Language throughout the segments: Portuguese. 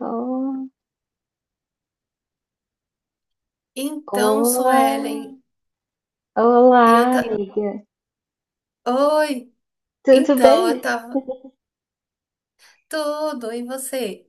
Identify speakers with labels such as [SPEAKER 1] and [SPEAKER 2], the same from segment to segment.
[SPEAKER 1] Oh,
[SPEAKER 2] Então,
[SPEAKER 1] olá,
[SPEAKER 2] Suelen, e eu
[SPEAKER 1] olá,
[SPEAKER 2] tá.
[SPEAKER 1] amiga.
[SPEAKER 2] Oi!
[SPEAKER 1] Tudo
[SPEAKER 2] Então, eu
[SPEAKER 1] bem?
[SPEAKER 2] tava. Tudo, e você?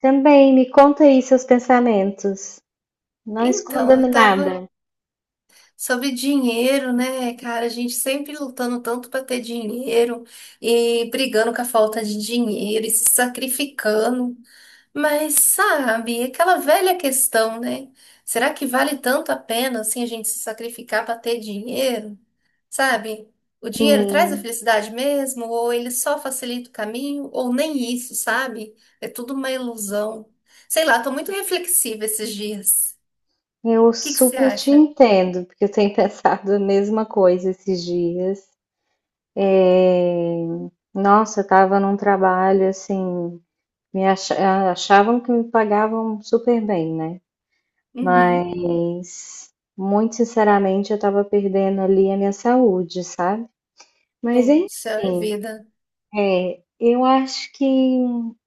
[SPEAKER 1] Também, me conta aí seus pensamentos. Não
[SPEAKER 2] Então, eu
[SPEAKER 1] esconda-me
[SPEAKER 2] tava
[SPEAKER 1] nada.
[SPEAKER 2] sobre dinheiro, né, cara? A gente sempre lutando tanto para ter dinheiro e brigando com a falta de dinheiro e se sacrificando. Mas sabe, aquela velha questão, né? Será que vale tanto a pena assim a gente se sacrificar para ter dinheiro? Sabe? O dinheiro traz a
[SPEAKER 1] Sim,
[SPEAKER 2] felicidade mesmo, ou ele só facilita o caminho, ou nem isso, sabe? É tudo uma ilusão. Sei lá, tô muito reflexiva esses dias.
[SPEAKER 1] eu
[SPEAKER 2] O que que você
[SPEAKER 1] super te
[SPEAKER 2] acha?
[SPEAKER 1] entendo, porque eu tenho pensado a mesma coisa esses dias. É, Nossa, eu tava num trabalho assim, me acha- achavam que me pagavam super bem, né?
[SPEAKER 2] Uhum.
[SPEAKER 1] Mas, muito sinceramente, eu tava perdendo ali a minha saúde, sabe? Mas
[SPEAKER 2] Puxa
[SPEAKER 1] enfim.
[SPEAKER 2] vida.
[SPEAKER 1] É, eu acho que,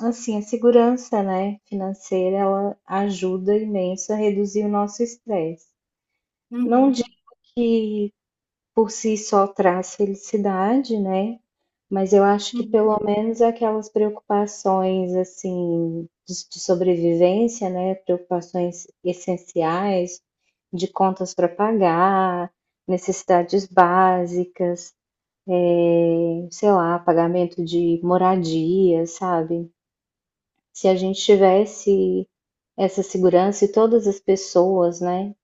[SPEAKER 1] assim, a segurança, né, financeira, ela ajuda imenso a reduzir o nosso estresse. Não digo
[SPEAKER 2] Uhum.
[SPEAKER 1] que por si só traz felicidade, né, mas eu acho que
[SPEAKER 2] Uhum.
[SPEAKER 1] pelo menos aquelas preocupações, assim, de sobrevivência, né, preocupações essenciais, de contas para pagar, necessidades básicas, sei lá, pagamento de moradia, sabe? Se a gente tivesse essa segurança e todas as pessoas, né,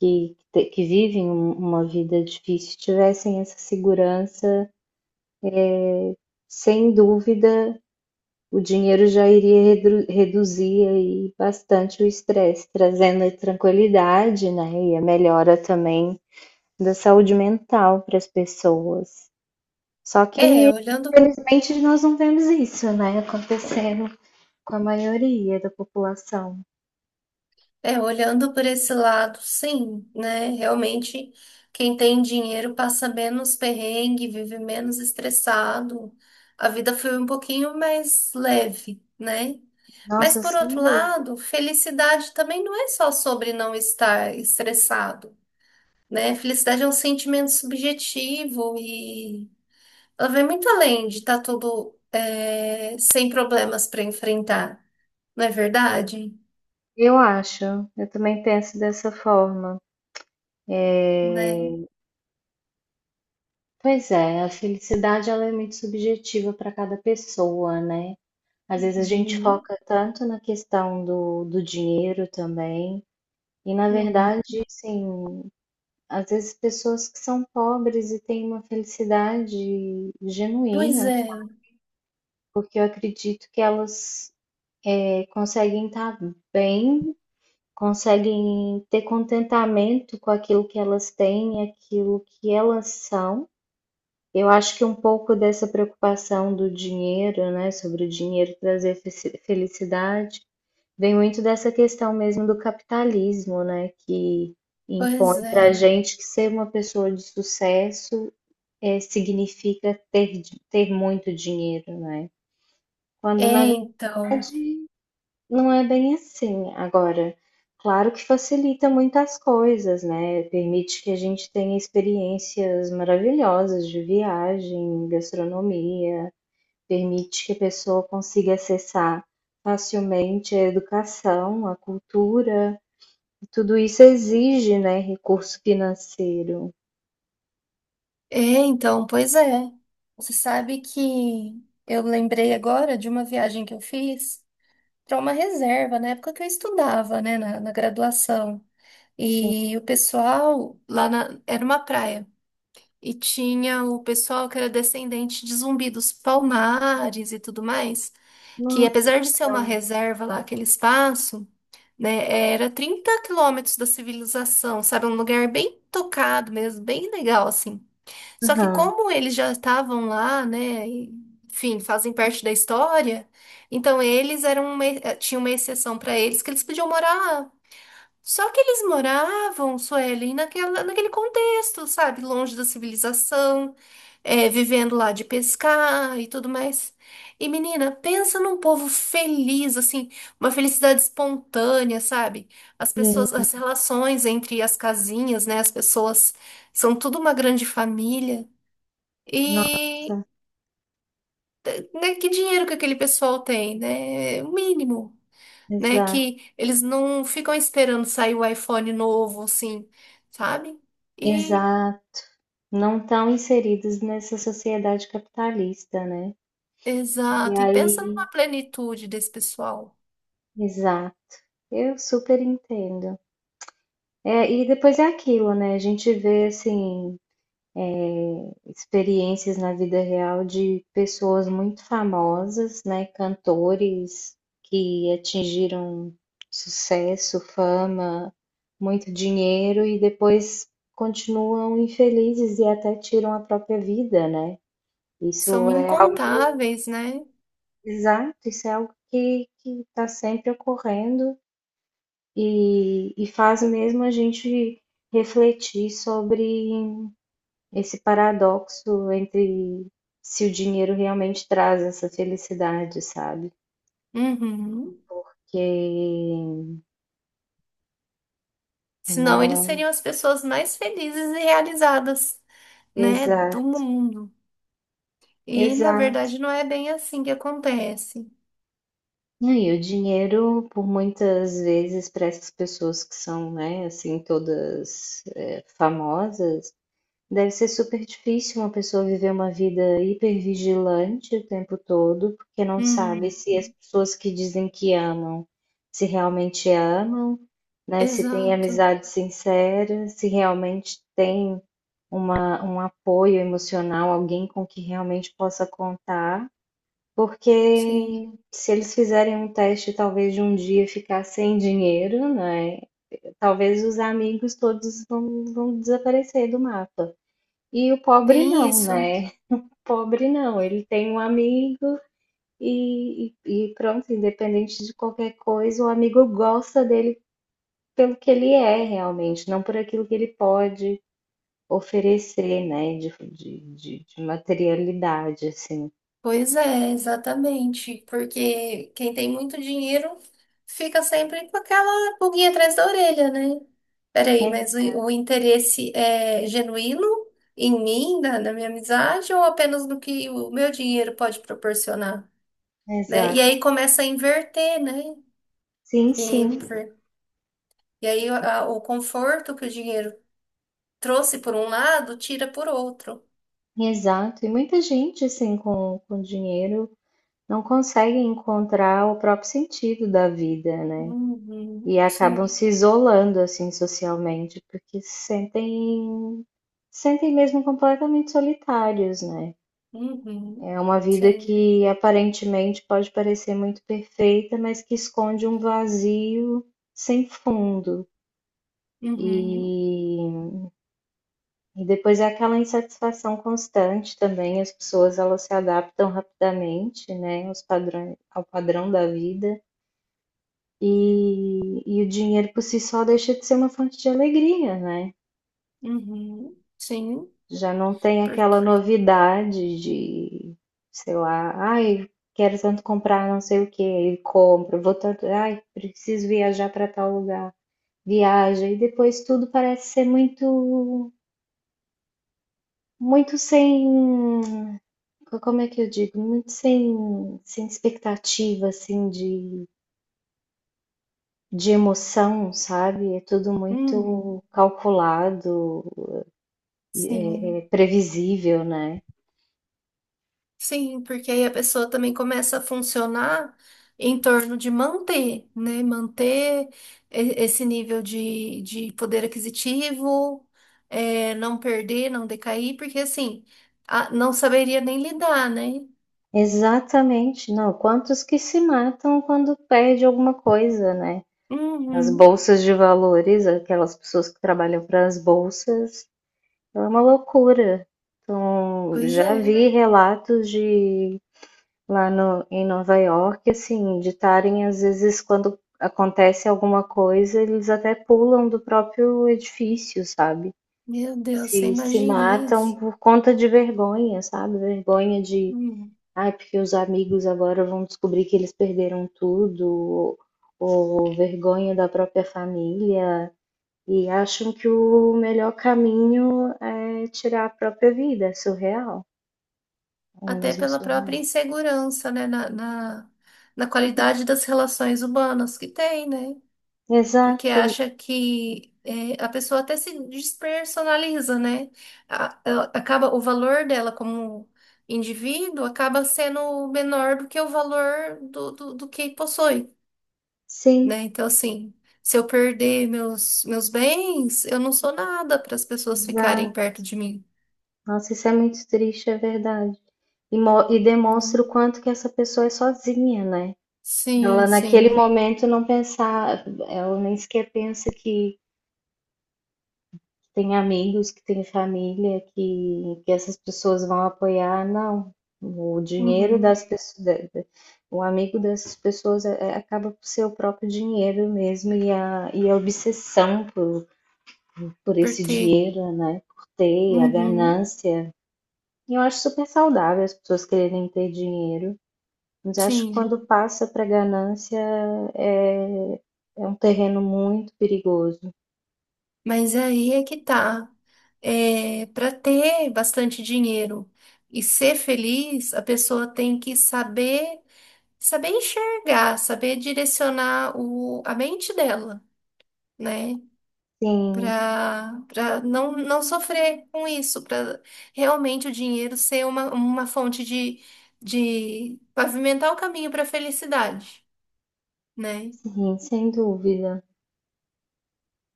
[SPEAKER 1] que vivem uma vida difícil tivessem essa segurança, sem dúvida, o dinheiro já iria reduzir aí bastante o estresse, trazendo a tranquilidade, né, e a melhora também da saúde mental para as pessoas. Só que,
[SPEAKER 2] É, olhando
[SPEAKER 1] infelizmente, nós não vemos isso, né, acontecendo com a maioria da população.
[SPEAKER 2] É, olhando por esse lado, sim, né? Realmente, quem tem dinheiro passa menos perrengue, vive menos estressado. A vida foi um pouquinho mais leve, né? Mas
[SPEAKER 1] Nossa,
[SPEAKER 2] por
[SPEAKER 1] sem
[SPEAKER 2] outro
[SPEAKER 1] dúvida.
[SPEAKER 2] lado, felicidade também não é só sobre não estar estressado, né? Felicidade é um sentimento subjetivo e ela vai muito além de estar tudo sem problemas para enfrentar, não é verdade?
[SPEAKER 1] Eu acho, eu também penso dessa forma. É,
[SPEAKER 2] Né?
[SPEAKER 1] pois é, a felicidade ela é muito subjetiva para cada pessoa, né? Às vezes a gente
[SPEAKER 2] Uhum.
[SPEAKER 1] foca tanto na questão do dinheiro também, e na
[SPEAKER 2] Uhum.
[SPEAKER 1] verdade, assim, às vezes pessoas que são pobres e têm uma felicidade
[SPEAKER 2] Pois
[SPEAKER 1] genuína,
[SPEAKER 2] é,
[SPEAKER 1] porque eu acredito que elas conseguem estar bem, conseguem ter contentamento com aquilo que elas têm, aquilo que elas são. Eu acho que um pouco dessa preocupação do dinheiro, né, sobre o dinheiro trazer felicidade, vem muito dessa questão mesmo do capitalismo, né, que impõe
[SPEAKER 2] pois
[SPEAKER 1] para a
[SPEAKER 2] é.
[SPEAKER 1] gente que ser uma pessoa de sucesso significa ter, ter muito dinheiro, né?
[SPEAKER 2] É,
[SPEAKER 1] Quando na
[SPEAKER 2] então.
[SPEAKER 1] verdade não é bem assim. Agora, claro que facilita muitas coisas, né, permite que a gente tenha experiências maravilhosas de viagem, gastronomia, permite que a pessoa consiga acessar facilmente a educação, a cultura, e tudo isso exige, né, recurso financeiro.
[SPEAKER 2] É, então, pois é. Você sabe que eu lembrei agora de uma viagem que eu fiz para uma reserva, na época que eu estudava, né, na graduação.
[SPEAKER 1] Sim.
[SPEAKER 2] E o pessoal lá na, era uma praia. E tinha o pessoal que era descendente de Zumbi dos Palmares e tudo mais, que
[SPEAKER 1] Nossa,
[SPEAKER 2] apesar de ser uma
[SPEAKER 1] então.
[SPEAKER 2] reserva lá, aquele espaço. Né? Era 30 km da civilização, sabe? Um lugar bem tocado mesmo, bem legal, assim. Só que
[SPEAKER 1] Aham.
[SPEAKER 2] como eles já estavam lá, né? E, enfim, fazem parte da história, então eles eram uma, tinha uma exceção para eles que eles podiam morar, só que eles moravam, Suelen, naquela, naquele contexto, sabe? Longe da civilização, é, vivendo lá de pescar e tudo mais. E, menina, pensa num povo feliz, assim, uma felicidade espontânea, sabe? As pessoas,
[SPEAKER 1] Sim,
[SPEAKER 2] as relações entre as casinhas, né? As pessoas são tudo uma grande família. E,
[SPEAKER 1] nossa,
[SPEAKER 2] né, que dinheiro que aquele pessoal tem, né? O mínimo, né?
[SPEAKER 1] exato,
[SPEAKER 2] Que eles não ficam esperando sair o iPhone novo, assim, sabe? E,
[SPEAKER 1] exato. Não estão inseridos nessa sociedade capitalista, né? E
[SPEAKER 2] exato. E pensa
[SPEAKER 1] aí,
[SPEAKER 2] numa plenitude desse pessoal.
[SPEAKER 1] exato, eu super entendo. É, e depois é aquilo, né? A gente vê assim experiências na vida real de pessoas muito famosas, né? Cantores que atingiram sucesso, fama, muito dinheiro e depois continuam infelizes e até tiram a própria vida, né?
[SPEAKER 2] São
[SPEAKER 1] Isso é
[SPEAKER 2] incontáveis, né?
[SPEAKER 1] exato, isso é algo que está sempre ocorrendo e faz mesmo a gente refletir sobre esse paradoxo entre se o dinheiro realmente traz essa felicidade, sabe?
[SPEAKER 2] Uhum.
[SPEAKER 1] Que
[SPEAKER 2] Senão eles
[SPEAKER 1] não
[SPEAKER 2] seriam as pessoas mais felizes e realizadas, né? Do
[SPEAKER 1] exato,
[SPEAKER 2] mundo. E, na
[SPEAKER 1] exato.
[SPEAKER 2] verdade, não é bem assim que acontece.
[SPEAKER 1] E o dinheiro, por muitas vezes, para essas pessoas que são, né, assim, todas, famosas. Deve ser super difícil uma pessoa viver uma vida hipervigilante o tempo todo, porque não sabe
[SPEAKER 2] Hum,
[SPEAKER 1] se as pessoas que dizem que amam, se realmente amam, né? Se tem
[SPEAKER 2] exato.
[SPEAKER 1] amizade sincera, se realmente tem uma, um apoio emocional, alguém com que realmente possa contar.
[SPEAKER 2] Sim.
[SPEAKER 1] Porque se eles fizerem um teste, talvez de um dia ficar sem dinheiro, né? Talvez os amigos todos vão desaparecer do mapa. E o pobre
[SPEAKER 2] Tem
[SPEAKER 1] não,
[SPEAKER 2] isso.
[SPEAKER 1] né? O pobre não, ele tem um amigo e pronto, independente de qualquer coisa, o amigo gosta dele pelo que ele é realmente, não por aquilo que ele pode oferecer, né? De materialidade, assim.
[SPEAKER 2] Pois é, exatamente. Porque quem tem muito dinheiro fica sempre com aquela pulguinha atrás da orelha, né? Peraí, mas
[SPEAKER 1] É,
[SPEAKER 2] o interesse é genuíno em mim, na minha amizade, ou apenas no que o meu dinheiro pode proporcionar, né? E aí
[SPEAKER 1] exato.
[SPEAKER 2] começa a inverter, né?
[SPEAKER 1] Sim,
[SPEAKER 2] Que,
[SPEAKER 1] sim,
[SPEAKER 2] por- e aí a- o conforto que o dinheiro trouxe por um lado, tira por outro.
[SPEAKER 1] exato. E muita gente, assim, com dinheiro não consegue encontrar o próprio sentido da vida, né? E
[SPEAKER 2] Uhum,
[SPEAKER 1] acabam
[SPEAKER 2] sim.
[SPEAKER 1] se isolando, assim, socialmente, porque se sentem mesmo completamente solitários, né.
[SPEAKER 2] Uhum,
[SPEAKER 1] É uma vida
[SPEAKER 2] sim.
[SPEAKER 1] que aparentemente pode parecer muito perfeita, mas que esconde um vazio sem fundo.
[SPEAKER 2] Uhum.
[SPEAKER 1] E depois é aquela insatisfação constante também, as pessoas elas se adaptam rapidamente, né, aos padrões ao padrão da vida, e o dinheiro por si só deixa de ser uma fonte de alegria, né.
[SPEAKER 2] Uhum. Sim,
[SPEAKER 1] Já não tem aquela
[SPEAKER 2] porque.
[SPEAKER 1] novidade de, sei lá, ai, quero tanto comprar não sei o que, e compro, vou tanto, ai, preciso viajar para tal lugar, viaja, e depois tudo parece ser muito, muito sem, como é que eu digo, muito sem, sem expectativa, assim, de emoção, sabe? É tudo
[SPEAKER 2] Uhum.
[SPEAKER 1] muito calculado, é,
[SPEAKER 2] Sim.
[SPEAKER 1] é previsível, né?
[SPEAKER 2] Sim, porque aí a pessoa também começa a funcionar em torno de manter, né? Manter e- esse nível de poder aquisitivo, é, não perder, não decair, porque assim, a- não saberia nem lidar, né?
[SPEAKER 1] Exatamente, não. Quantos que se matam quando perde alguma coisa, né? As
[SPEAKER 2] Uhum.
[SPEAKER 1] bolsas de valores, aquelas pessoas que trabalham para as bolsas, é uma loucura. Então,
[SPEAKER 2] Pois
[SPEAKER 1] já
[SPEAKER 2] é.
[SPEAKER 1] vi relatos de lá no, em Nova York, assim, de estarem, às vezes, quando acontece alguma coisa, eles até pulam do próprio edifício, sabe?
[SPEAKER 2] Meu Deus, você
[SPEAKER 1] Se
[SPEAKER 2] imagina
[SPEAKER 1] matam
[SPEAKER 2] isso?
[SPEAKER 1] por conta de vergonha, sabe? Vergonha de
[SPEAKER 2] Uhum.
[SPEAKER 1] ai, porque os amigos agora vão descobrir que eles perderam tudo, ou vergonha da própria família, e acham que o melhor caminho é tirar a própria vida, é surreal. Ou
[SPEAKER 2] Até
[SPEAKER 1] mesmo é
[SPEAKER 2] pela própria
[SPEAKER 1] surreal.
[SPEAKER 2] insegurança, né, na, na, na qualidade das relações humanas que tem, né? Porque
[SPEAKER 1] Exato,
[SPEAKER 2] acha que é, a pessoa até se despersonaliza, né? A- ela acaba o valor dela como indivíduo acaba sendo menor do que o valor do, do, do que possui,
[SPEAKER 1] sim,
[SPEAKER 2] né? Então, assim, se eu perder meus, meus bens, eu não sou nada para as pessoas ficarem
[SPEAKER 1] exato.
[SPEAKER 2] perto de mim,
[SPEAKER 1] Nossa, isso é muito triste, é verdade. E, e demonstra
[SPEAKER 2] né?
[SPEAKER 1] o quanto que essa pessoa é sozinha, né?
[SPEAKER 2] Sim,
[SPEAKER 1] Ela naquele
[SPEAKER 2] sim.
[SPEAKER 1] momento não pensar, ela nem sequer pensa que tem amigos que têm família que essas pessoas vão apoiar, não. O dinheiro das
[SPEAKER 2] Uhum.
[SPEAKER 1] pessoas, o amigo dessas pessoas acaba por ser o próprio dinheiro mesmo e a obsessão por
[SPEAKER 2] Por
[SPEAKER 1] esse
[SPEAKER 2] ter.
[SPEAKER 1] dinheiro, né? Por ter, a
[SPEAKER 2] Uhum,
[SPEAKER 1] ganância. E eu acho super saudável as pessoas quererem ter dinheiro, mas acho que
[SPEAKER 2] sim.
[SPEAKER 1] quando passa para ganância é, é um terreno muito perigoso.
[SPEAKER 2] Mas aí é que tá. É, para ter bastante dinheiro e ser feliz, a pessoa tem que saber, saber enxergar, saber direcionar o, a mente dela, né?
[SPEAKER 1] Sim,
[SPEAKER 2] Para para não, não sofrer com isso, para realmente o dinheiro ser uma fonte de pavimentar o caminho para a felicidade, né?
[SPEAKER 1] sim, sem dúvida.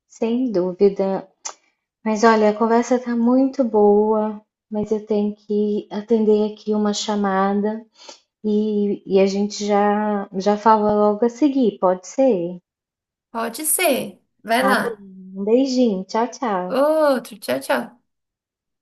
[SPEAKER 1] Sem dúvida, mas olha, a conversa tá muito boa, mas eu tenho que atender aqui uma chamada e a gente já já fala logo a seguir, pode ser?
[SPEAKER 2] Pode ser. Vai
[SPEAKER 1] Tá bem.
[SPEAKER 2] lá.
[SPEAKER 1] Um beijinho, tchau, tchau.
[SPEAKER 2] Outro, tchau, tchau.